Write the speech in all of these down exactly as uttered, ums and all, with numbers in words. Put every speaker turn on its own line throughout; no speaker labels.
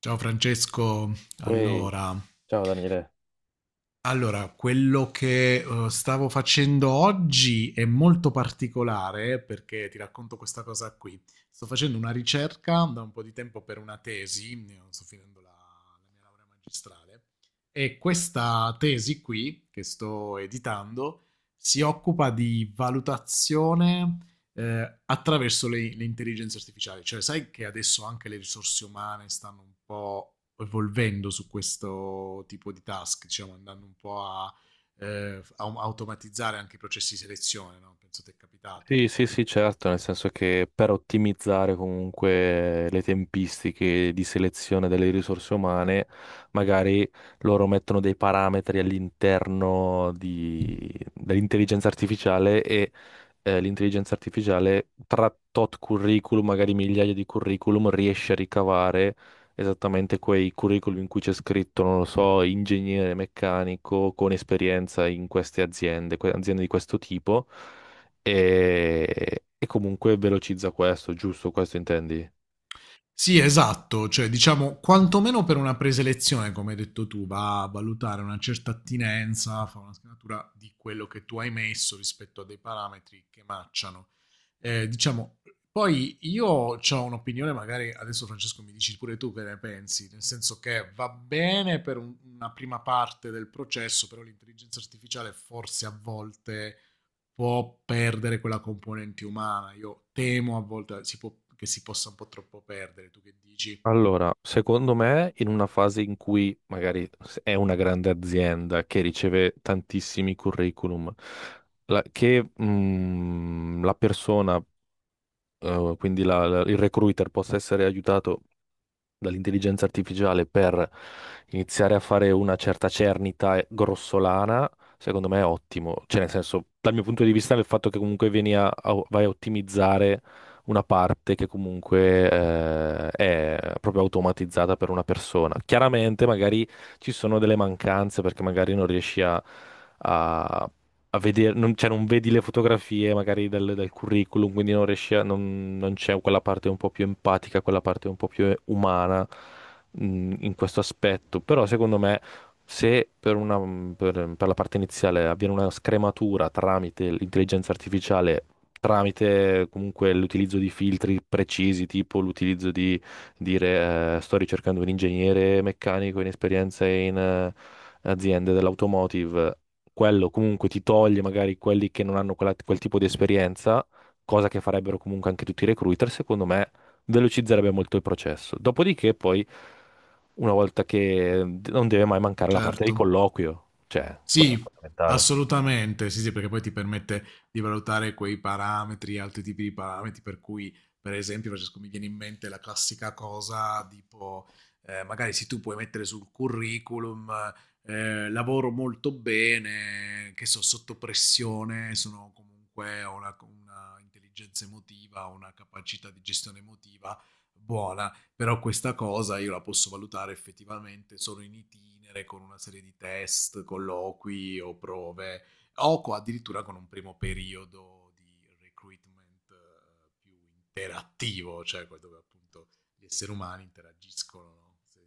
Ciao Francesco,
Ui,
allora,
ciao Daniele.
allora, quello che eh, stavo facendo oggi è molto particolare perché ti racconto questa cosa qui. Sto facendo una ricerca da un po' di tempo per una tesi, io sto finendo la, la mia laurea magistrale, e questa tesi qui che sto editando si occupa di valutazione, eh, attraverso le, le intelligenze artificiali, cioè sai che adesso anche le risorse umane stanno un po' evolvendo su questo tipo di task, diciamo, andando un po' a, eh, a automatizzare anche i processi di selezione, no? Penso ti è capitato un
Sì, sì,
po'.
sì, certo, nel senso che per ottimizzare comunque le tempistiche di selezione delle risorse umane, magari loro mettono dei parametri all'interno di- dell'intelligenza artificiale e eh, l'intelligenza artificiale tra tot curriculum, magari migliaia di curriculum, riesce a ricavare esattamente quei curriculum in cui c'è scritto, non lo so, ingegnere meccanico con esperienza in queste aziende, que- aziende di questo tipo e, e comunque velocizza questo, giusto? Questo intendi?
Sì, esatto, cioè diciamo quantomeno per una preselezione, come hai detto tu, va a valutare una certa attinenza, fa una scannatura di quello che tu hai messo rispetto a dei parametri che matchano. Eh, diciamo, poi io ho un'opinione, magari adesso Francesco mi dici pure tu che ne pensi, nel senso che va bene per un- una prima parte del processo, però l'intelligenza artificiale forse a volte può perdere quella componente umana. Io temo a volte si può- che si possa un po' troppo perdere. Tu che dici?
Allora, secondo me, in una fase in cui magari è una grande azienda che riceve tantissimi curriculum, la- che mm, la persona, eh, quindi la- la- il recruiter possa essere aiutato dall'intelligenza artificiale per iniziare a fare una certa cernita e- grossolana, secondo me è ottimo. Cioè, nel senso, dal mio punto di vista, il fatto che comunque vieni a, a- vai a ottimizzare una parte che comunque eh, è proprio automatizzata per una persona. Chiaramente magari ci sono delle mancanze perché magari non riesci a, a a vedere, non, cioè non vedi le fotografie magari del, del curriculum, quindi non riesci a, non, non c'è quella parte un po' più empatica, quella parte un po' più umana mh, in questo aspetto. Però secondo me, se per una, per, per la parte iniziale avviene una scrematura tramite l'intelligenza artificiale, tramite comunque l'utilizzo di filtri precisi, tipo l'utilizzo di dire eh, sto ricercando un ingegnere meccanico in esperienza in eh, aziende dell'automotive, quello comunque ti toglie magari quelli che non hanno quella- quel tipo di esperienza, cosa che farebbero comunque anche tutti i recruiter. Secondo me velocizzerebbe molto il processo. Dopodiché poi, una volta che, non deve mai mancare la parte di
Certo.
colloquio, cioè, quello è
Sì,
fondamentale.
assolutamente, sì, sì, perché poi ti permette di valutare quei parametri, altri tipi di parametri, per cui, per esempio, Francesco, mi viene in mente la classica cosa tipo, eh, magari se tu puoi mettere sul curriculum, eh, lavoro molto bene, che so, sotto pressione, sono comunque ho una, una intelligenza emotiva, una capacità di gestione emotiva buona, però questa cosa io la posso valutare effettivamente solo in itinere, con una serie di test, colloqui o prove, o co- addirittura con un primo periodo di recruitment, eh, più interattivo, cioè que- dove appunto gli esseri umani interagiscono, no? Se-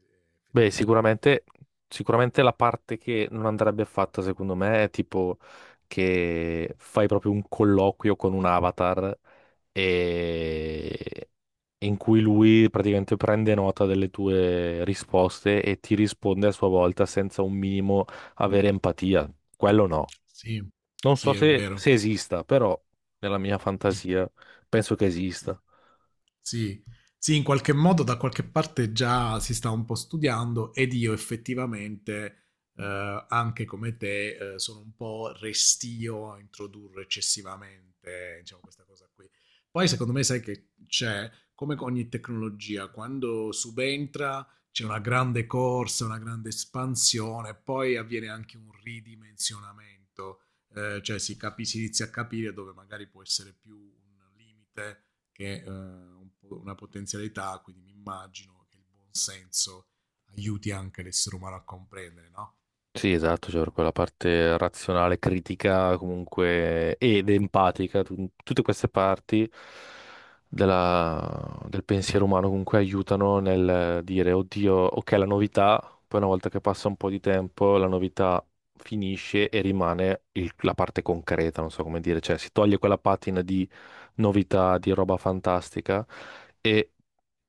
Beh,
Effettivamente.
sicuramente, sicuramente la parte che non andrebbe fatta, secondo me, è tipo che fai proprio un colloquio con un avatar e in cui lui praticamente prende nota delle tue risposte e ti risponde a sua volta senza un minimo avere empatia. Quello no.
Sì,
Non so
sì, è
se,
vero.
se esista, però nella mia fantasia penso che
Sì.
esista.
Sì. Sì, in qualche modo da qualche parte già si sta un po' studiando ed io effettivamente, eh, anche come te, eh, sono un po' restio a introdurre eccessivamente, diciamo, questa cosa qui. Poi secondo me sai che c'è, come con ogni tecnologia, quando subentra c'è una grande corsa, una grande espansione, poi avviene anche un ridimensionamento, eh, cioè si, capi- si inizia a capire dove magari può essere più un limite che è, eh, un po' una potenzialità, quindi mi immagino che il buon senso aiuti anche l'essere umano a comprendere, no?
Sì, esatto, cioè per quella parte razionale, critica comunque ed empatica, tu- tutte queste parti della- del pensiero umano comunque aiutano nel dire, oddio, ok, la novità, poi una volta che passa un po' di tempo, la novità finisce e rimane il- la parte concreta, non so come dire, cioè si toglie quella patina di novità, di roba fantastica.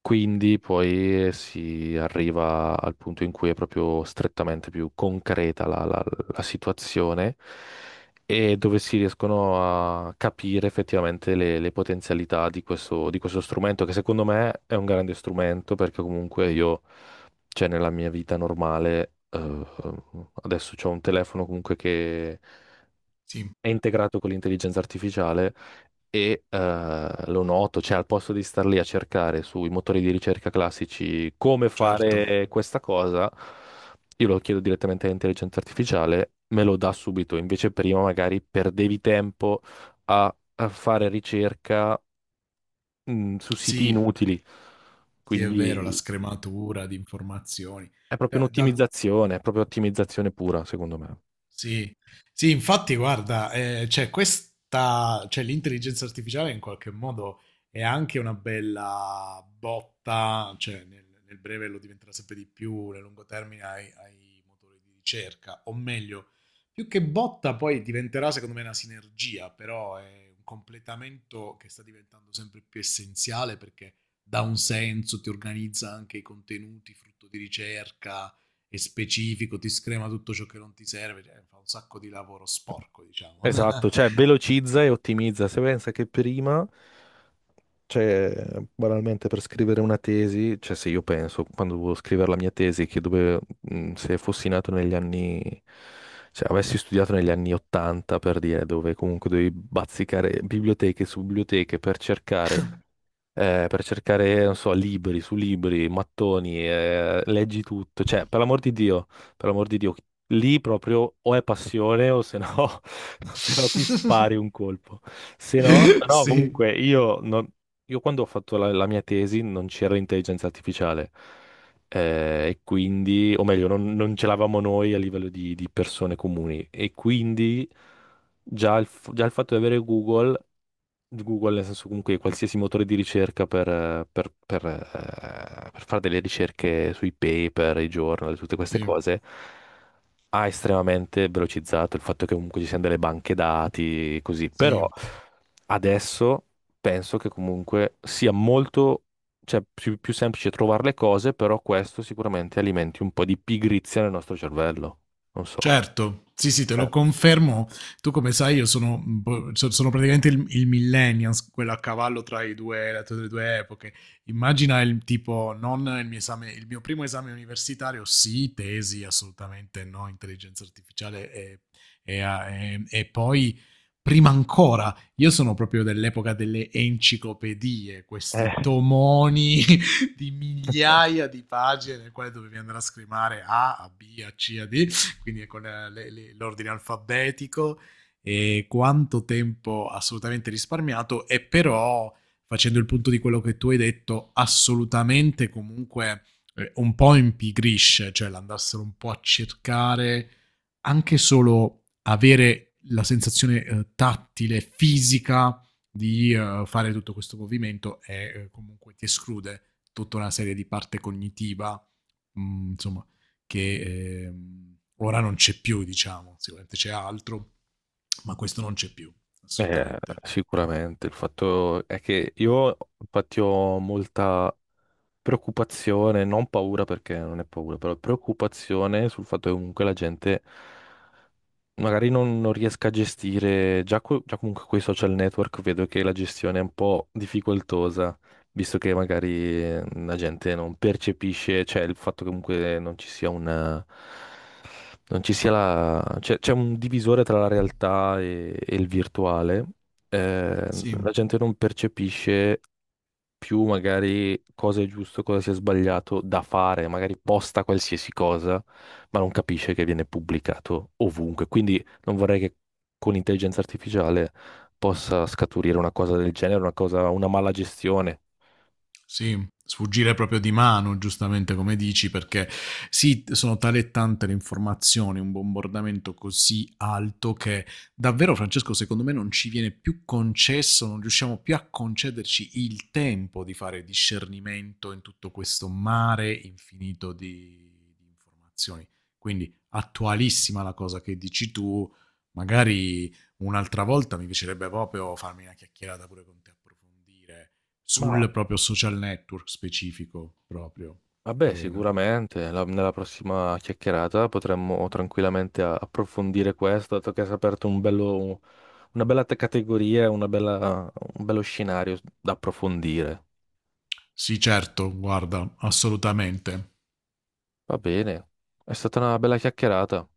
Quindi poi si arriva al punto in cui è proprio strettamente più concreta la, la- la situazione, e dove si riescono a capire effettivamente le, le potenzialità di questo, di questo strumento, che secondo me è un grande strumento, perché comunque io, cioè nella mia vita normale, eh, adesso ho un telefono comunque che
Sì,
è integrato con l'intelligenza artificiale e eh, lo noto. Cioè al posto di star lì a cercare sui motori di ricerca classici come
certo.
fare questa cosa, io lo chiedo direttamente all'intelligenza artificiale, me lo dà subito, invece prima magari perdevi tempo a, a fare ricerca mh, su siti
Sì,
inutili.
sì, è vero, la
Quindi
scrematura di informazioni.
è proprio
Da- D'altro
un'ottimizzazione, è proprio ottimizzazione pura, secondo me.
Sì, sì, infatti, guarda, eh, cioè questa, cioè l'intelligenza artificiale in qualche modo è anche una bella botta, cioè nel, nel breve lo diventerà sempre di più, nel lungo termine ai, ai motori di ricerca, o meglio, più che botta poi diventerà secondo me una sinergia, però è un completamento che sta diventando sempre più essenziale perché dà un senso, ti organizza anche i contenuti frutto di ricerca è specifico, ti screma tutto ciò che non ti serve, cioè, fa un sacco di lavoro sporco, diciamo.
Esatto, cioè velocizza e ottimizza. Se pensa che prima. Cioè, banalmente per scrivere una tesi, cioè se io penso, quando dovevo scrivere la mia tesi, che dove, mh, se fossi nato negli anni, cioè avessi studiato negli anni ottanta per dire, dove comunque dovevi bazzicare biblioteche su biblioteche per cercare, eh, per cercare, non so, libri su libri, mattoni, eh, leggi tutto. Cioè, per l'amor di Dio, per l'amor di Dio, lì proprio o è passione o se no, o se no ti spari un colpo. Se no, però
sì,
comunque io, non- io quando ho fatto la, la mia tesi non c'era intelligenza artificiale. Eh, e quindi, o meglio, non, non ce l'avamo noi a livello di di persone comuni. E quindi già il, f- già il fatto di avere Google Google, nel senso comunque qualsiasi motore di ricerca per, eh, per- per, eh, per fare delle ricerche sui paper, i journal, tutte queste
sì,
cose, ha estremamente velocizzato il fatto che comunque ci siano delle banche dati, così. Però
sì.
adesso penso che comunque sia molto, cioè più, più semplice trovare le cose, però questo sicuramente alimenti un po' di pigrizia nel nostro cervello. Non so.
Certo, sì, sì, te lo confermo. Tu come sai io sono, un po' so- sono praticamente il, il millennials, quello a cavallo tra i due, la- tra le due epoche. Immagina il tipo, non il mio esame, il mio primo esame universitario, sì, tesi, assolutamente no, intelligenza artificiale e, e a- e- e poi... Prima ancora, io sono proprio dell'epoca delle enciclopedie, questi
Eh.
tomoni di migliaia di pagine nel quale dovevi andare a scrivere A, a B, a C, a D, quindi con eh, le, le, l'ordine alfabetico e quanto tempo assolutamente risparmiato e però facendo il punto di quello che tu hai detto assolutamente comunque eh, un po' impigrisce, cioè l'andassero un po' a cercare anche solo avere la sensazione eh, tattile, fisica di eh, fare tutto questo movimento e eh, comunque ti esclude tutta una serie di parte cognitiva mhmm, insomma, che, ehm, ora non c'è più diciamo, sicuramente c'è altro, ma questo non c'è più,
Eh,
assolutamente.
Sicuramente, il fatto è che io infatti ho molta preoccupazione, non paura perché non è paura, però preoccupazione sul fatto che comunque la gente magari non, non riesca a gestire. Già, co- già comunque con i social network vedo che la gestione è un po' difficoltosa, visto che magari eh, la gente non percepisce, cioè il fatto che comunque non ci sia un, non ci sia la, c'è c'è un divisore tra la realtà e, e il virtuale. Eh,
Sì.
la gente non percepisce più magari cosa è giusto, cosa si è sbagliato da fare, magari posta qualsiasi cosa, ma non capisce che viene pubblicato ovunque. Quindi non vorrei che con l'intelligenza artificiale possa scaturire una cosa del genere, una cosa, una mala gestione.
Sì, sfuggire proprio di mano, giustamente come dici, perché sì, sono tale e tante le informazioni, un bombardamento così alto che davvero, Francesco, secondo me non ci viene più concesso, non riusciamo più a concederci il tempo di fare discernimento in tutto questo mare infinito di, di informazioni. Quindi attualissima la cosa che dici tu, magari un'altra volta mi piacerebbe proprio farmi una chiacchierata pure con te, approfondire
Ma
sul proprio social network specifico proprio.
Vabbè,
Che...
sicuramente, la- nella prossima chiacchierata potremmo tranquillamente a- approfondire questo, dato che hai aperto un bello, una bella te- categoria, una bella- un bello scenario da approfondire.
Sì, certo, guarda, assolutamente.
Va bene, è stata una bella chiacchierata.